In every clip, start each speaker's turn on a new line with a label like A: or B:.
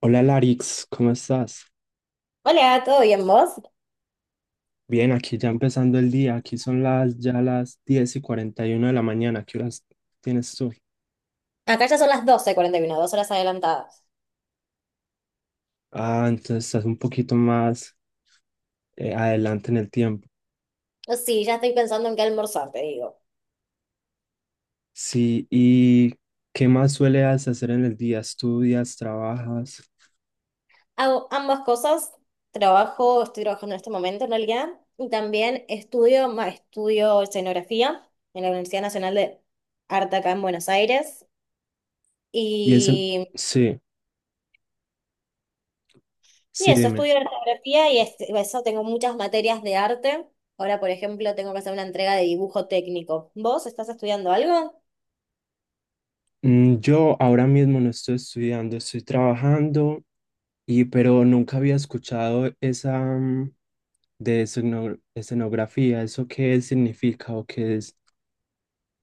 A: Hola Larix, ¿cómo estás?
B: Hola, ¿todo bien vos?
A: Bien, aquí ya empezando el día, aquí son las 10:41 de la mañana, ¿qué horas tienes tú?
B: Acá ya son las 12:41, dos horas adelantadas.
A: Ah, entonces estás un poquito más adelante en el tiempo.
B: Sí, ya estoy pensando en qué almorzar, te digo.
A: Sí, ¿y qué más sueles hacer en el día? ¿Estudias, trabajas?
B: Hago ambas cosas, trabajo, estoy trabajando en este momento en realidad, y también estudio, estudio escenografía en la Universidad Nacional de Arte acá en Buenos Aires.
A: Y eso,
B: Y,
A: sí,
B: y
A: sí,
B: eso,
A: dime.
B: estudio escenografía y eso tengo muchas materias de arte. Ahora, por ejemplo, tengo que hacer una entrega de dibujo técnico. ¿Vos estás estudiando algo?
A: Mm. Yo ahora mismo no estoy estudiando, estoy trabajando, y pero nunca había escuchado esa, de escenografía, ¿eso qué significa o qué es,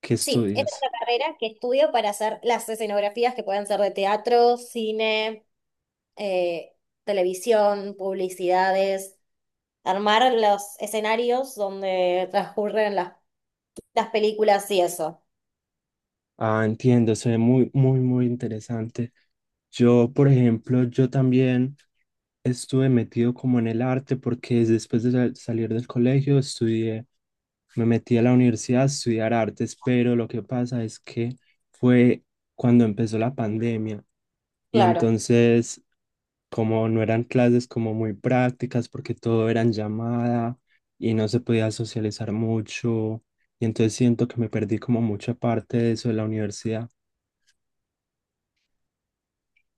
A: qué
B: Sí, esta es
A: estudias?
B: una carrera que estudio para hacer las escenografías que pueden ser de teatro, cine, eh, televisión, publicidades, armar los escenarios donde transcurren las películas y eso.
A: Ah, entiendo, se ve muy, muy, muy interesante. Yo, por ejemplo, yo también estuve metido como en el arte porque después de salir del colegio estudié, me metí a la universidad a estudiar artes, pero lo que pasa es que fue cuando empezó la pandemia. Y
B: Claro.
A: entonces, como no eran clases como muy prácticas, porque todo era en llamada y no se podía socializar mucho, y entonces siento que me perdí como mucha parte de eso de la universidad.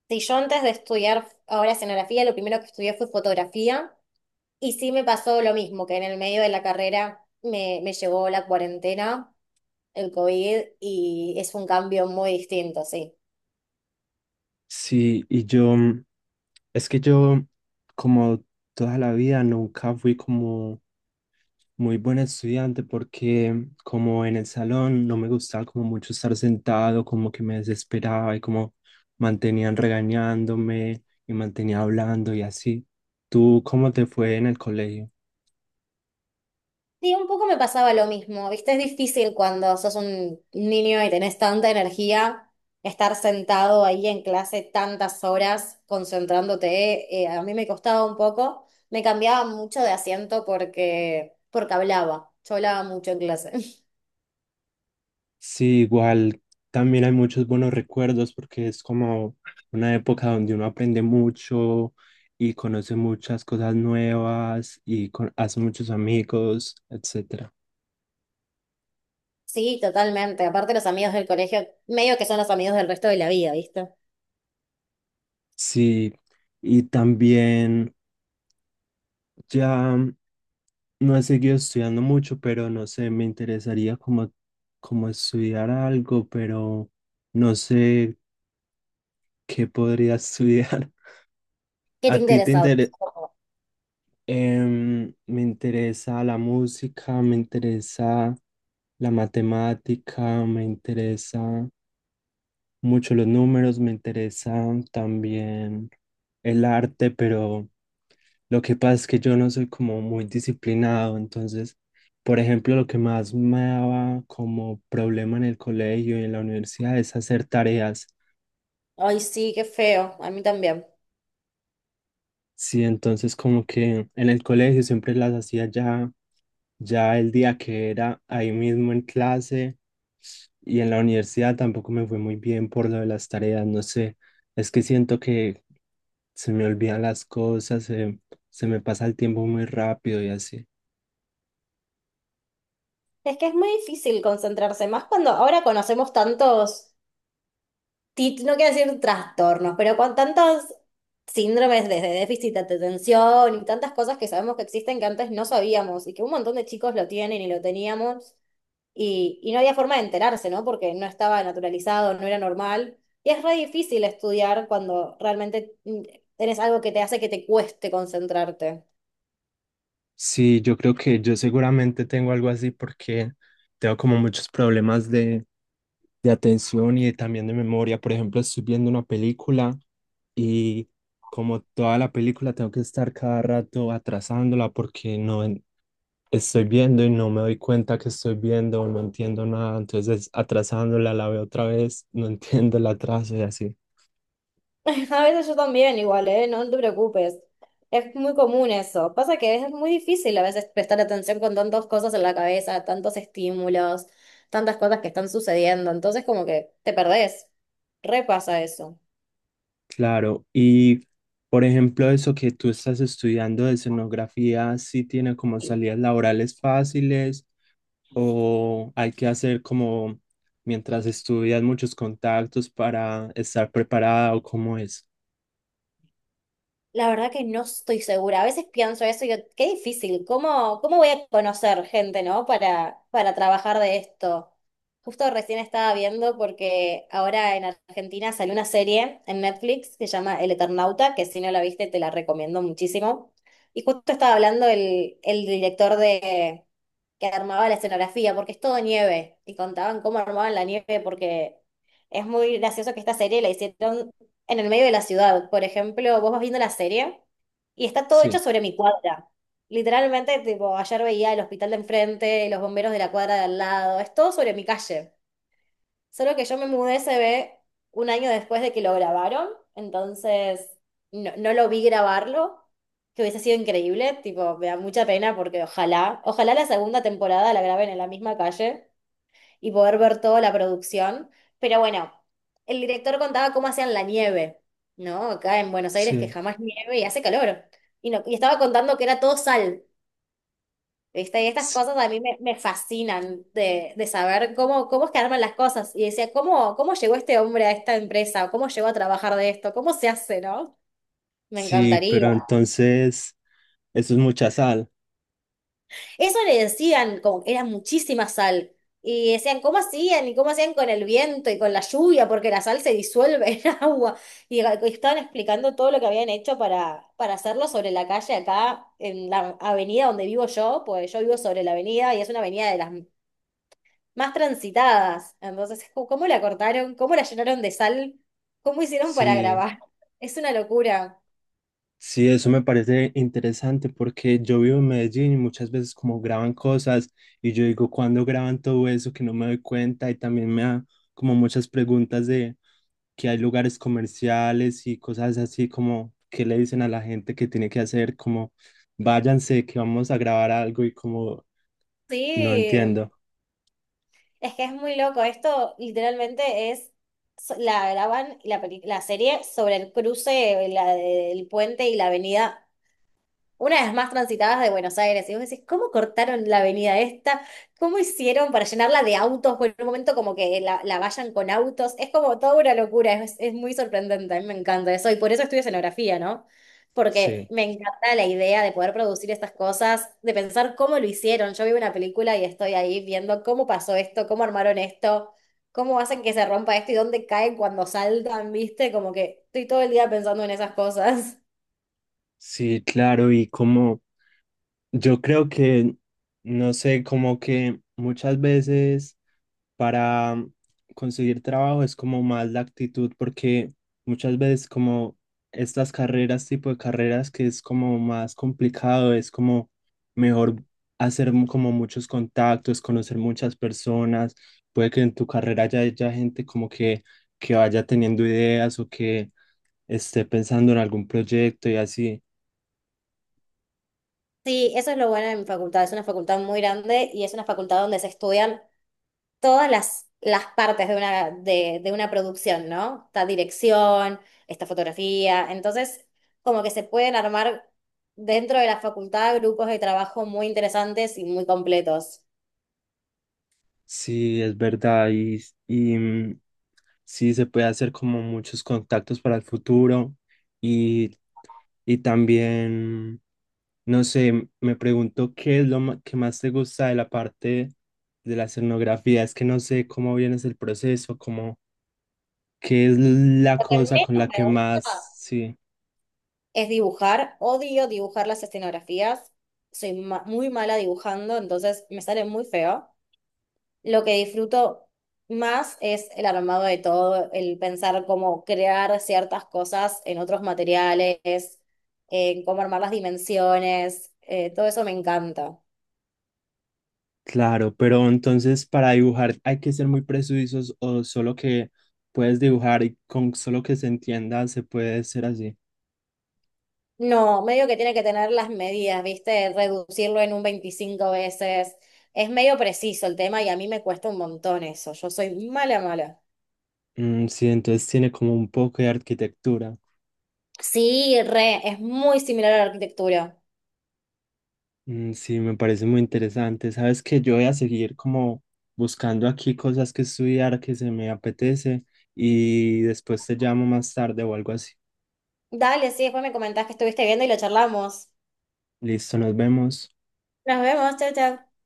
B: Sí, yo antes de estudiar ahora escenografía, lo primero que estudié fue fotografía y sí me pasó lo mismo, que en el medio de la carrera me llegó la cuarentena, el COVID y es un cambio muy distinto, sí.
A: Sí, y yo, es que yo como toda la vida nunca fui como muy buen estudiante porque como en el salón no me gustaba como mucho estar sentado, como que me desesperaba y como mantenían regañándome y mantenía hablando y así. ¿Tú cómo te fue en el colegio?
B: Sí, un poco me pasaba lo mismo, ¿viste? Es difícil cuando sos un niño y tenés tanta energía estar sentado ahí en clase tantas horas concentrándote. A mí me costaba un poco, me cambiaba mucho de asiento porque, porque hablaba, yo hablaba mucho en clase.
A: Sí, igual también hay muchos buenos recuerdos porque es como una época donde uno aprende mucho y conoce muchas cosas nuevas y hace muchos amigos, etcétera.
B: Sí, totalmente. Aparte los amigos del colegio, medio que son los amigos del resto de la vida, ¿viste?
A: Sí, y también ya no he seguido estudiando mucho, pero no sé, me interesaría como, como estudiar algo, pero no sé qué podría estudiar.
B: ¿Qué te
A: ¿A ti te
B: interesa? ¿A vos?
A: interesa? Me interesa la música, me interesa la matemática, me interesa mucho los números, me interesa también el arte, pero lo que pasa es que yo no soy como muy disciplinado, entonces, por ejemplo, lo que más me daba como problema en el colegio y en la universidad es hacer tareas.
B: Ay, sí, qué feo, a mí también.
A: Sí, entonces como que en el colegio siempre las hacía ya, ya el día que era ahí mismo en clase, y en la universidad tampoco me fue muy bien por lo de las tareas, no sé, es que siento que se me olvidan las cosas, se me pasa el tiempo muy rápido y así.
B: Es que es muy difícil concentrarse, más cuando ahora conocemos tantos no quiero decir trastornos, pero con tantos síndromes desde déficit de atención y tantas cosas que sabemos que existen que antes no sabíamos y que un montón de chicos lo tienen y lo teníamos y no había forma de enterarse, ¿no? Porque no estaba naturalizado, no era normal. Y es re difícil estudiar cuando realmente tenés algo que te hace que te cueste concentrarte.
A: Sí, yo creo que yo seguramente tengo algo así porque tengo como muchos problemas de, atención y también de memoria. Por ejemplo, estoy viendo una película y como toda la película tengo que estar cada rato atrasándola porque no en- estoy viendo y no me doy cuenta que estoy viendo, no entiendo nada. Entonces atrasándola, la veo otra vez, no entiendo el atraso y así.
B: A veces yo también igual, ¿eh? No, no te preocupes. Es muy común eso. Pasa que es muy difícil a veces prestar atención con tantas cosas en la cabeza, tantos estímulos, tantas cosas que están sucediendo. Entonces como que te perdés. Repasa eso.
A: Claro, y por ejemplo, eso que tú estás estudiando de escenografía, ¿sí tiene como salidas laborales fáciles o hay que hacer como, mientras estudias, muchos contactos para estar preparada o cómo es?
B: La verdad que no estoy segura. A veces pienso eso y digo, qué difícil. ¿Cómo voy a conocer gente, ¿no? Para trabajar de esto. Justo recién estaba viendo porque ahora en Argentina salió una serie en Netflix que se llama El Eternauta, que si no la viste te la recomiendo muchísimo. Y justo estaba hablando el director de, que armaba la escenografía, porque es todo nieve, y contaban cómo armaban la nieve, porque es muy gracioso que esta serie la hicieron en el medio de la ciudad. Por ejemplo, vos vas viendo la serie y está todo hecho
A: Sí,
B: sobre mi cuadra. Literalmente, tipo, ayer veía el hospital de enfrente, los bomberos de la cuadra de al lado, es todo sobre mi calle. Solo que yo me mudé, se ve, un año después de que lo grabaron, entonces no, no lo vi grabarlo, que hubiese sido increíble, tipo, me da mucha pena porque ojalá, ojalá la segunda temporada la graben en la misma calle y poder ver toda la producción, pero bueno, el director contaba cómo hacían la nieve, ¿no? Acá en Buenos Aires que
A: sí,
B: jamás nieve y hace calor, y, no, y estaba contando que era todo sal, ¿viste? Y estas
A: s-
B: cosas a mí me fascinan de saber cómo, cómo es que arman las cosas. Y decía, ¿cómo llegó este hombre a esta empresa? ¿Cómo llegó a trabajar de esto? ¿Cómo se hace, no? Me
A: sí,
B: encantaría.
A: pero entonces eso es mucha sal.
B: Eso le decían, como que era muchísima sal. Y decían, ¿cómo hacían? ¿Y cómo hacían con el viento y con la lluvia? Porque la sal se disuelve en agua. Y, estaban explicando todo lo que habían hecho para hacerlo sobre la calle acá, en la avenida donde vivo yo. Pues yo vivo sobre la avenida y es una avenida de las más transitadas. Entonces, ¿cómo la cortaron? ¿Cómo la llenaron de sal? ¿Cómo hicieron para
A: Sí.
B: grabar? Es una locura.
A: Sí, eso me parece interesante porque yo vivo en Medellín y muchas veces como graban cosas y yo digo, ¿cuándo graban todo eso que no me doy cuenta? Y también me da como muchas preguntas de que hay lugares comerciales y cosas así, como que le dicen a la gente que tiene que hacer, como, váyanse que vamos a grabar algo, y como no
B: Sí,
A: entiendo.
B: es que es muy loco. Esto literalmente es, la graban la, la serie sobre el cruce, la del puente y la avenida una de las más transitadas de Buenos Aires. Y vos decís, ¿cómo cortaron la avenida esta? ¿Cómo hicieron para llenarla de autos? Por un momento como que la vayan con autos. Es como toda una locura, es muy sorprendente, a mí me encanta eso. Y por eso estudio escenografía, ¿no? Porque
A: Sí,
B: me encanta la idea de poder producir estas cosas, de pensar cómo lo hicieron. Yo veo una película y estoy ahí viendo cómo pasó esto, cómo armaron esto. ¿Cómo hacen que se rompa esto y dónde caen cuando saltan, viste? Como que estoy todo el día pensando en esas cosas.
A: sí, claro, y como yo creo que, no sé, como que muchas veces para conseguir trabajo es como más la actitud, porque muchas veces como estas carreras, tipo de carreras que es como más complicado, es como mejor hacer como muchos contactos, conocer muchas personas, puede que en tu carrera ya haya gente como que vaya teniendo ideas o que esté pensando en algún proyecto y así.
B: Sí, eso es lo bueno de mi facultad. Es una facultad muy grande y es una facultad donde se estudian todas las partes de una producción, ¿no? Está dirección, está fotografía. Entonces, como que se pueden armar dentro de la facultad grupos de trabajo muy interesantes y muy completos.
A: Sí, es verdad. Y, sí se puede hacer como muchos contactos para el futuro, y, y también, no sé, me pregunto qué es lo que más te gusta de la parte de la escenografía. Es que no sé cómo vienes el proceso, como qué es la
B: Lo que
A: cosa con
B: menos
A: la
B: me
A: que más,
B: gusta
A: sí,
B: es dibujar. Odio dibujar las escenografías. Soy muy mala dibujando, entonces me sale muy feo. Lo que disfruto más es el armado de todo, el pensar cómo crear ciertas cosas en otros materiales, en cómo armar las dimensiones, todo eso me encanta.
A: claro, pero entonces para dibujar hay que ser muy precisos o solo que puedes dibujar y con solo que se entienda se puede ser así.
B: No, medio que tiene que tener las medidas, ¿viste? Reducirlo en un 25 veces. Es medio preciso el tema y a mí me cuesta un montón eso. Yo soy mala, mala.
A: Mm, sí, entonces tiene como un poco de arquitectura.
B: Sí, re, es muy similar a la arquitectura.
A: Mm. Sí, me parece muy interesante. Sabes que yo voy a seguir como buscando aquí cosas que estudiar que se me apetece y después te llamo más tarde o algo así.
B: Dale, sí, después me comentás que estuviste viendo y lo charlamos.
A: Listo, nos vemos.
B: Nos vemos, chao, chao.